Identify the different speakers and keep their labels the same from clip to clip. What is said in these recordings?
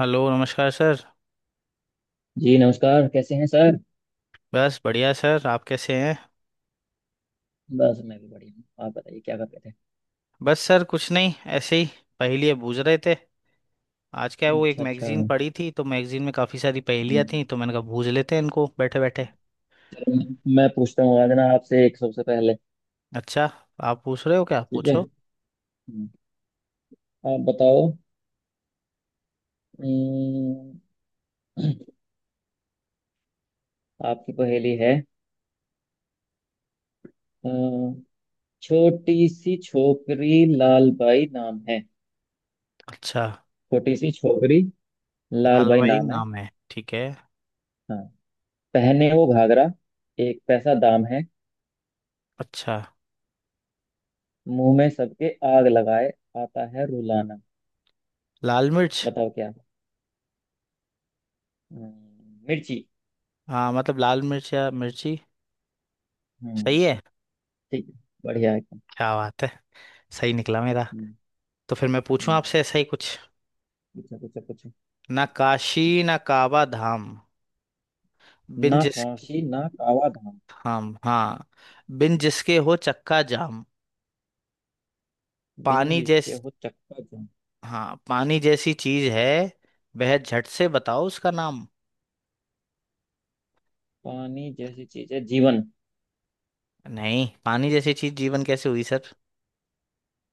Speaker 1: Hello नमस्कार sir.
Speaker 2: Ji नमस्कार। कैसे हैं सर?
Speaker 1: बस बढ़िया सर, आप कैसे हैं।
Speaker 2: बस मैं भी बढ़िया हूँ। आप बताइए क्या कर रहे थे?
Speaker 1: बस सर कुछ नहीं, ऐसे ही पहेलियाँ बूझ रहे थे। आज क्या है वो एक
Speaker 2: अच्छा अच्छा।
Speaker 1: मैगजीन
Speaker 2: हम्म।
Speaker 1: पढ़ी थी, तो मैगजीन में काफ़ी सारी पहेलियाँ थी तो मैंने कहा बूझ लेते हैं इनको बैठे बैठे।
Speaker 2: चलो मैं पूछता हूँ आज ना आपसे एक सबसे पहले।
Speaker 1: अच्छा, आप पूछ रहे हो, क्या
Speaker 2: ठीक है।
Speaker 1: पूछो।
Speaker 2: हम्म। आप बताओ। हम्म। आपकी पहेली है। अ, छोटी सी छोकरी लाल बाई नाम है।
Speaker 1: अच्छा,
Speaker 2: छोटी सी छोकरी लाल
Speaker 1: लाल
Speaker 2: बाई
Speaker 1: भाई
Speaker 2: नाम है।
Speaker 1: नाम है, ठीक है।
Speaker 2: हाँ, पहने वो घाघरा, एक पैसा दाम है।
Speaker 1: अच्छा,
Speaker 2: मुंह में सबके आग लगाए, आता है रुलाना।
Speaker 1: लाल मिर्च।
Speaker 2: बताओ क्या। मिर्ची।
Speaker 1: हाँ मतलब लाल मिर्च या मिर्ची।
Speaker 2: हम्म।
Speaker 1: सही है।
Speaker 2: ठीक है। बढ़िया है एकदम।
Speaker 1: क्या बात है, सही निकला मेरा।
Speaker 2: हम्म।
Speaker 1: तो फिर मैं पूछूं
Speaker 2: हम्म।
Speaker 1: आपसे ऐसा ही कुछ।
Speaker 2: पूछो पूछो पूछो।
Speaker 1: ना काशी ना काबा धाम, बिन
Speaker 2: ना
Speaker 1: जिस
Speaker 2: काशी ना कावा धाम,
Speaker 1: हम, हाँ, बिन जिसके हो चक्का जाम,
Speaker 2: बिन
Speaker 1: पानी जैस
Speaker 2: जिसके हो चक्का जाम।
Speaker 1: हाँ, पानी जैसी चीज है, वह झट से बताओ उसका नाम।
Speaker 2: पानी जैसी चीज है जीवन।
Speaker 1: नहीं, पानी जैसी चीज जीवन कैसे हुई सर।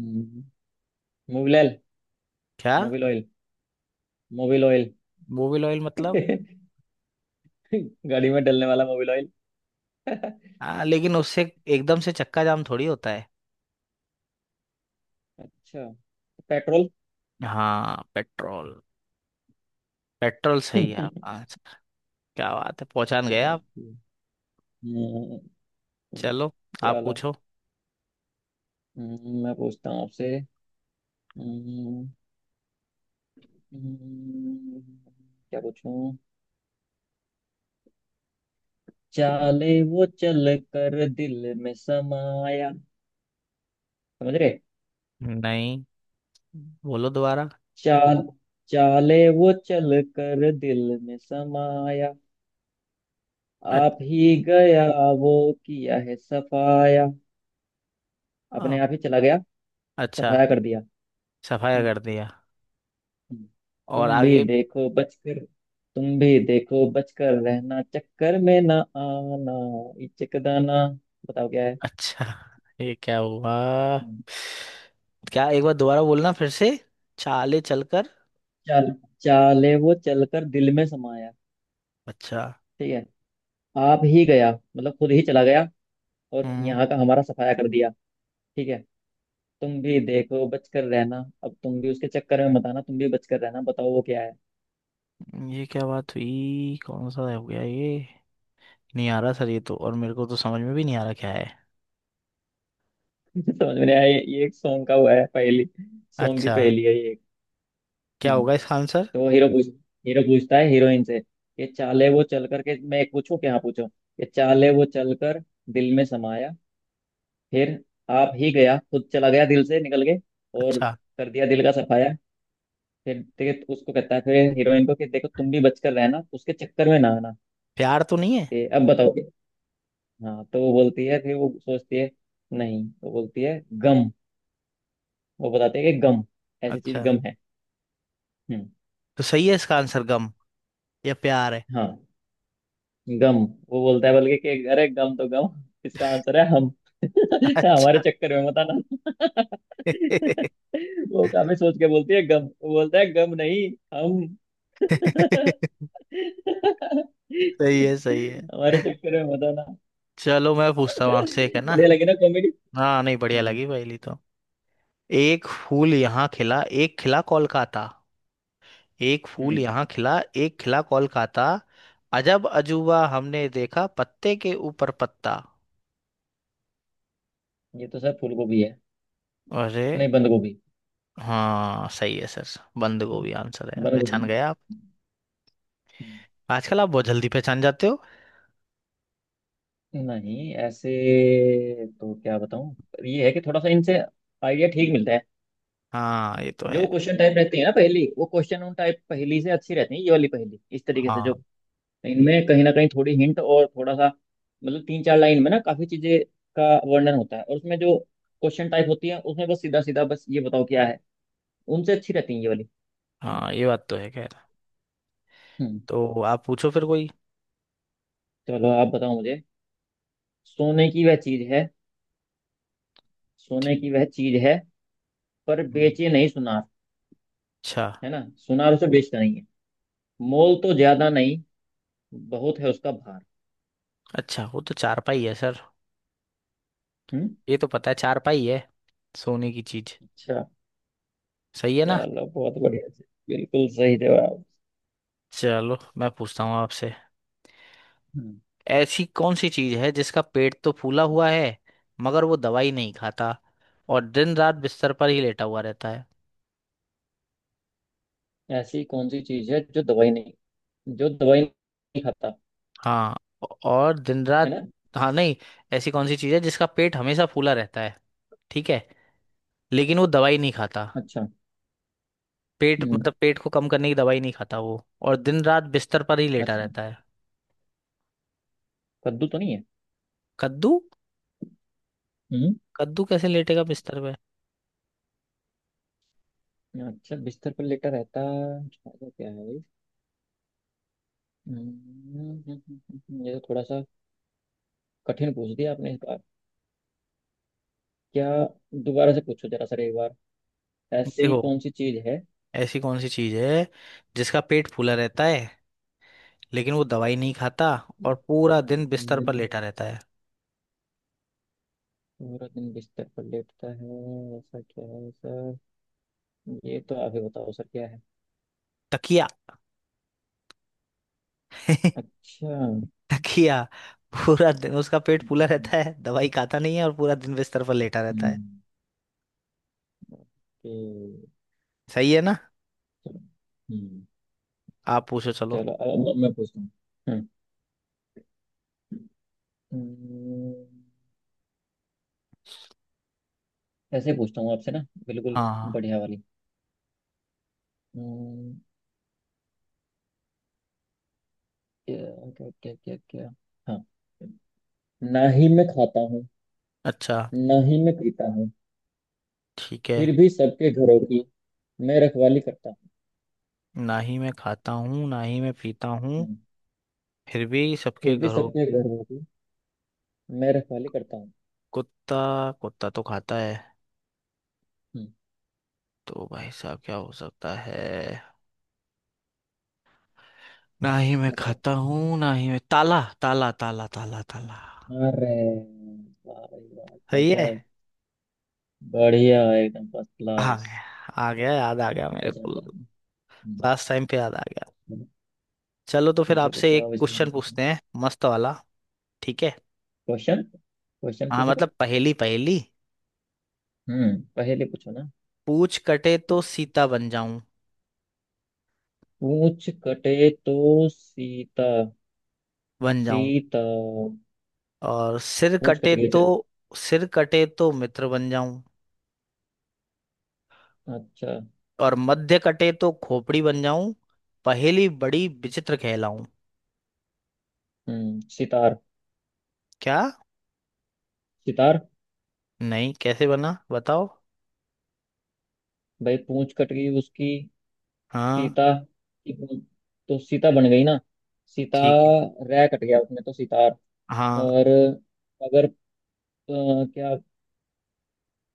Speaker 2: हम्म, मोबिल ऑयल।
Speaker 1: क्या,
Speaker 2: मोबिल ऑयल। Mobil oil.
Speaker 1: बोबिल ऑयल मतलब।
Speaker 2: गाड़ी में डलने वाला मोबिल ऑयल।
Speaker 1: हाँ लेकिन उससे एकदम से चक्का जाम थोड़ी होता है।
Speaker 2: अच्छा, पेट्रोल।
Speaker 1: हाँ पेट्रोल, पेट्रोल सही है आप आंसर। क्या बात है, पहचान गए आप।
Speaker 2: हम्म। तो
Speaker 1: चलो आप
Speaker 2: चलो।
Speaker 1: पूछो।
Speaker 2: मैं पूछता हूँ आपसे। हम्म। हम्म। क्या पूछूं? चाले वो चल कर दिल में समाया। समझ रहे?
Speaker 1: नहीं, बोलो दोबारा।
Speaker 2: चाल चाले वो चल कर दिल में समाया,
Speaker 1: अ-
Speaker 2: आप ही गया वो, किया है सफाया, अपने
Speaker 1: आप-
Speaker 2: आप ही चला गया,
Speaker 1: अच्छा,
Speaker 2: सफाया कर दिया।
Speaker 1: सफाया
Speaker 2: हम्म।
Speaker 1: कर दिया।
Speaker 2: हम्म।
Speaker 1: और
Speaker 2: तुम भी
Speaker 1: आगे।
Speaker 2: देखो बचकर तुम भी देखो बचकर रहना, चक्कर में ना आना। ये चकदाना, बताओ क्या है।
Speaker 1: अच्छा, ये क्या हुआ।
Speaker 2: हम्म।
Speaker 1: क्या, एक बार दोबारा बोलना फिर से, चाले चलकर।
Speaker 2: चाल चाले वो चलकर दिल में समाया,
Speaker 1: अच्छा।
Speaker 2: ठीक है, आप ही गया, मतलब खुद ही चला गया और
Speaker 1: हम्म।
Speaker 2: यहाँ का हमारा सफाया कर दिया। ठीक है। तुम भी देखो बचकर रहना। अब तुम भी उसके चक्कर में मत आना, तुम भी बचकर रहना। बताओ वो क्या है।
Speaker 1: ये क्या बात हुई, कौन सा हो गया ये। नहीं आ रहा सर ये, तो और मेरे को तो समझ में भी नहीं आ रहा क्या है।
Speaker 2: समझ में नहीं आया? ये एक सॉन्ग का हुआ है पहली। सॉन्ग की
Speaker 1: अच्छा,
Speaker 2: पहली है ये एक।
Speaker 1: क्या
Speaker 2: हम्म।
Speaker 1: होगा इसका आंसर।
Speaker 2: तो वो हीरो पूछता है हीरोइन से कि चाले वो चल करके, मैं एक पूछूं क्या, हाँ पूछो, कि चाले वो चल कर दिल में समाया, फिर आप ही गया, खुद चला गया दिल से निकल के, और
Speaker 1: अच्छा,
Speaker 2: कर दिया दिल का सफाया। फिर देखिए उसको कहता है, फिर हीरोइन को, कि देखो तुम भी बचकर रहना, उसके चक्कर में ना आना।
Speaker 1: प्यार तो नहीं है।
Speaker 2: कि अब बताओ। हाँ, तो वो बोलती है, फिर वो सोचती है, नहीं वो बोलती है गम, वो बताती है कि गम, ऐसी चीज
Speaker 1: अच्छा,
Speaker 2: गम है। हम्म।
Speaker 1: तो सही है इसका आंसर गम या प्यार है।
Speaker 2: हाँ गम। वो बोलता है बल्कि कि अरे गम तो गम, इसका आंसर है हम। हमारे
Speaker 1: अच्छा।
Speaker 2: चक्कर में मत आना। वो काफी सोच के बोलती है गम, वो बोलता है गम नहीं, हम।
Speaker 1: सही है, सही है।
Speaker 2: हमारे चक्कर में मत आना।
Speaker 1: चलो मैं पूछता हूँ आपसे एक, है ना।
Speaker 2: बढ़िया लगी ना कॉमेडी?
Speaker 1: हाँ नहीं, बढ़िया
Speaker 2: हम्म।
Speaker 1: लगी पहली तो। एक फूल यहाँ खिला एक खिला कोलकाता। एक फूल
Speaker 2: हम्म।
Speaker 1: यहाँ खिला एक खिला कोलकाता, अजब अजूबा हमने देखा पत्ते के ऊपर पत्ता।
Speaker 2: ये तो सर फूल गोभी है,
Speaker 1: अरे,
Speaker 2: नहीं बंद गोभी।
Speaker 1: हाँ सही है सर, बंद गोभी आंसर है,
Speaker 2: बंद गोभी।
Speaker 1: पहचान गए आप। आजकल आप बहुत जल्दी पहचान जाते हो।
Speaker 2: नहीं ऐसे तो क्या बताऊं, ये है कि थोड़ा सा इनसे आइडिया ठीक मिलता है।
Speaker 1: हाँ ये तो
Speaker 2: जो
Speaker 1: है।
Speaker 2: क्वेश्चन टाइप रहती है ना पहेली, वो क्वेश्चन उन टाइप पहेली से अच्छी रहती है ये वाली पहेली। इस तरीके से
Speaker 1: हाँ,
Speaker 2: जो इनमें कहीं ना कहीं थोड़ी हिंट और थोड़ा सा, मतलब तीन चार लाइन में ना, काफी चीजें का वर्णन होता है। और उसमें जो क्वेश्चन टाइप होती है, उसमें बस सीधा सीधा, बस ये बताओ क्या है, उनसे अच्छी रहती है ये वाली।
Speaker 1: हाँ ये बात तो है, खैर।
Speaker 2: हम्म।
Speaker 1: तो आप पूछो फिर कोई।
Speaker 2: चलो आप बताओ मुझे। सोने की वह चीज है। सोने
Speaker 1: ठीक।
Speaker 2: की वह चीज है, पर
Speaker 1: हम्म।
Speaker 2: बेचे नहीं सुनार।
Speaker 1: अच्छा।
Speaker 2: है ना। सुनार उसे बेचता नहीं है। मोल तो ज्यादा नहीं, बहुत है उसका भार।
Speaker 1: अच्छा, वो तो चारपाई है सर,
Speaker 2: हम्म।
Speaker 1: ये तो पता है चारपाई है, सोने की चीज,
Speaker 2: अच्छा।
Speaker 1: सही है ना।
Speaker 2: चलो, बहुत बढ़िया। बिल्कुल सही जवाब।
Speaker 1: चलो मैं पूछता हूँ आपसे,
Speaker 2: हम्म।
Speaker 1: ऐसी कौन सी चीज है जिसका पेट तो फूला हुआ है, मगर वो दवाई नहीं खाता, और दिन रात बिस्तर पर ही लेटा हुआ रहता है।
Speaker 2: ऐसी कौन सी चीज है जो दवाई नहीं खाता।
Speaker 1: हाँ, और दिन
Speaker 2: है
Speaker 1: रात,
Speaker 2: ना।
Speaker 1: हाँ नहीं, ऐसी कौन सी चीज है जिसका पेट हमेशा फूला रहता है, ठीक है, लेकिन वो दवाई नहीं खाता,
Speaker 2: अच्छा।
Speaker 1: पेट
Speaker 2: हम्म।
Speaker 1: मतलब पेट को कम करने की दवाई नहीं खाता वो, और दिन रात बिस्तर पर ही लेटा
Speaker 2: अच्छा,
Speaker 1: रहता है।
Speaker 2: कद्दू तो नहीं है।
Speaker 1: कद्दू,
Speaker 2: हम्म।
Speaker 1: कद्दू कैसे लेटेगा बिस्तर पे।
Speaker 2: अच्छा, बिस्तर पर लेटा रहता, ऐसा क्या है भाई? हम्म। ये तो थोड़ा सा कठिन पूछ दिया आपने इस बार। क्या, दोबारा से पूछो जरा सर एक बार। ऐसी
Speaker 1: देखो,
Speaker 2: कौन सी चीज है।
Speaker 1: ऐसी कौन सी चीज है जिसका पेट फूला रहता है, लेकिन वो दवाई नहीं खाता, और पूरा दिन बिस्तर पर
Speaker 2: हम्म।
Speaker 1: लेटा रहता है।
Speaker 2: पूरा दिन बिस्तर पर लेटता है, ऐसा क्या है सर? ये तो आप ही बताओ सर क्या है।
Speaker 1: तकिया।
Speaker 2: अच्छा।
Speaker 1: तकिया, पूरा दिन उसका पेट फूला
Speaker 2: हम्म।
Speaker 1: रहता है, दवाई खाता नहीं है, और पूरा दिन बिस्तर पर लेटा रहता है,
Speaker 2: हम्म, ओके।
Speaker 1: सही है ना।
Speaker 2: चलो। हम्म।
Speaker 1: आप पूछो चलो।
Speaker 2: चलो अब चलो मैं पूछता हूँ। हम्म। हम्म, ऐसे ही पूछता हूँ आपसे ना, बिल्कुल
Speaker 1: हाँ।
Speaker 2: बढ़िया वाली। हम्म। क्या क्या क्या क्या क्या। हाँ, ना ही मैं खाता हूँ,
Speaker 1: अच्छा।
Speaker 2: ना ही मैं पीता हूँ,
Speaker 1: ठीक है।
Speaker 2: फिर भी सबके घरों की मैं रखवाली करता हूँ।
Speaker 1: ना ही मैं खाता हूँ ना ही मैं पीता हूँ,
Speaker 2: हम्म।
Speaker 1: फिर भी सबके
Speaker 2: फिर भी
Speaker 1: घरों
Speaker 2: सबके
Speaker 1: की-।
Speaker 2: घरों की मैं रखवाली करता हूँ।
Speaker 1: कुत्ता, कुत्ता तो खाता है,
Speaker 2: हम्म,
Speaker 1: तो भाई साहब क्या हो सकता है। ना ही मैं
Speaker 2: बताओ।
Speaker 1: खाता हूँ ना ही मैं ताला, ताला ताला ताला ताला।
Speaker 2: अरे, वाह भाई वाह।
Speaker 1: सही है।
Speaker 2: गजब, बढ़िया एकदम फर्स्ट
Speaker 1: आ
Speaker 2: क्लास।
Speaker 1: गया, आ गया याद आ गया मेरे
Speaker 2: गजब
Speaker 1: को,
Speaker 2: गजब। हम्म।
Speaker 1: लास्ट टाइम पे याद आ गया। चलो तो फिर
Speaker 2: पूछो
Speaker 1: आपसे
Speaker 2: पूछो,
Speaker 1: एक
Speaker 2: अब इस बार
Speaker 1: क्वेश्चन
Speaker 2: पूछो।
Speaker 1: पूछते हैं, मस्त वाला। ठीक है।
Speaker 2: क्वेश्चन, क्वेश्चन
Speaker 1: हाँ
Speaker 2: पूछ रहे?
Speaker 1: मतलब पहेली पहेली,
Speaker 2: हम्म, पहले पूछो ना।
Speaker 1: पूछ कटे तो सीता बन जाऊं,
Speaker 2: पूछ कटे तो सीता।
Speaker 1: बन जाऊं,
Speaker 2: सीता?
Speaker 1: और सिर
Speaker 2: पूछ कट
Speaker 1: कटे
Speaker 2: गई,
Speaker 1: तो,
Speaker 2: अच्छा।
Speaker 1: सिर कटे तो मित्र बन जाऊं,
Speaker 2: अच्छा।
Speaker 1: और मध्य कटे तो खोपड़ी बन जाऊं, पहेली बड़ी विचित्र कहलाऊं।
Speaker 2: हम्म, सितार।
Speaker 1: क्या,
Speaker 2: सितार।
Speaker 1: नहीं कैसे बना बताओ।
Speaker 2: भाई पूंछ कट गई उसकी,
Speaker 1: हाँ।
Speaker 2: सीता की पूंछ, तो सीता बन गई ना, सीता।
Speaker 1: ठीक है।
Speaker 2: रह कट गया उसमें तो सितार।
Speaker 1: हाँ,
Speaker 2: और अगर क्या,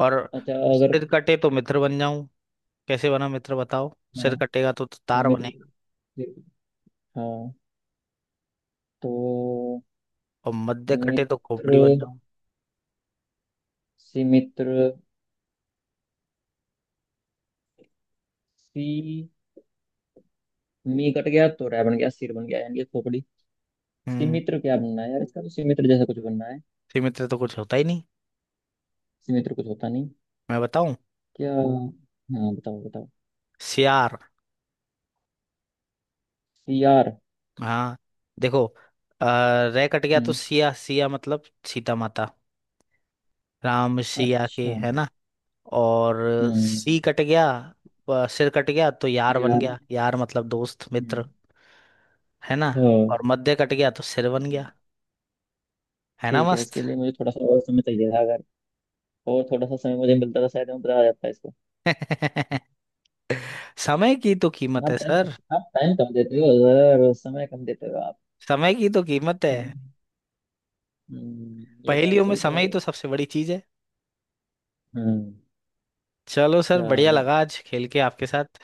Speaker 1: और
Speaker 2: अच्छा अगर।
Speaker 1: सिर कटे तो मित्र बन जाऊं, कैसे बना मित्र बताओ,
Speaker 2: हाँ,
Speaker 1: सिर कटेगा तो
Speaker 2: तो
Speaker 1: तार
Speaker 2: मित्र।
Speaker 1: बनेगा,
Speaker 2: हाँ, तो
Speaker 1: और मध्य कटे तो खोपड़ी
Speaker 2: मित्र।
Speaker 1: बन जाऊं।
Speaker 2: सी मित्र, सी, मी कट गया तो रै बन गया, सिर बन गया यानी ये खोपड़ी।
Speaker 1: हम्म।
Speaker 2: सिमित्र क्या बनना है यार, इसका तो सिमित्र जैसा कुछ बनना है।
Speaker 1: सीमित तो कुछ होता ही नहीं।
Speaker 2: सिमित्र कुछ होता नहीं।
Speaker 1: मैं बताऊं,
Speaker 2: क्या, हाँ बताओ बताओ।
Speaker 1: सियार।
Speaker 2: सियार।
Speaker 1: हाँ, देखो, अ, रह कट गया तो
Speaker 2: हम्म।
Speaker 1: सिया, सिया मतलब सीता माता, राम सिया के,
Speaker 2: अच्छा।
Speaker 1: है ना। और
Speaker 2: हम्म,
Speaker 1: सी कट गया, सिर कट गया तो यार बन
Speaker 2: सियार।
Speaker 1: गया, यार मतलब दोस्त मित्र,
Speaker 2: हम्म।
Speaker 1: है ना।
Speaker 2: हाँ।
Speaker 1: और मध्य कट गया तो सिर बन
Speaker 2: हम्म।
Speaker 1: गया, है ना,
Speaker 2: ठीक है,
Speaker 1: मस्त।
Speaker 2: इसके लिए मुझे थोड़ा सा और समय चाहिए था। अगर और थोड़ा सा समय मुझे मिलता था, शायद मैं बता जाता इसको।
Speaker 1: समय की तो कीमत है
Speaker 2: आप टाइम
Speaker 1: सर।
Speaker 2: आप टाइम कम देते हो, और समय कम देते हो आप।
Speaker 1: समय की तो कीमत है,
Speaker 2: ये बात
Speaker 1: पहेलियों में
Speaker 2: सही कह
Speaker 1: समय ही
Speaker 2: रहे हैं।
Speaker 1: तो सबसे बड़ी चीज है।
Speaker 2: हम्म।
Speaker 1: चलो सर, बढ़िया
Speaker 2: चलो,
Speaker 1: लगा आज खेल के आपके साथ।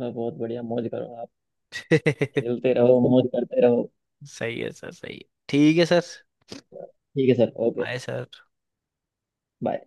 Speaker 2: मतलब बहुत बढ़िया, मौज करो आप। खेलते रहो, मौज करते रहो।
Speaker 1: सही है सर, सही है, ठीक है सर।
Speaker 2: ठीक है sir, okay,
Speaker 1: bye sir.
Speaker 2: Bye.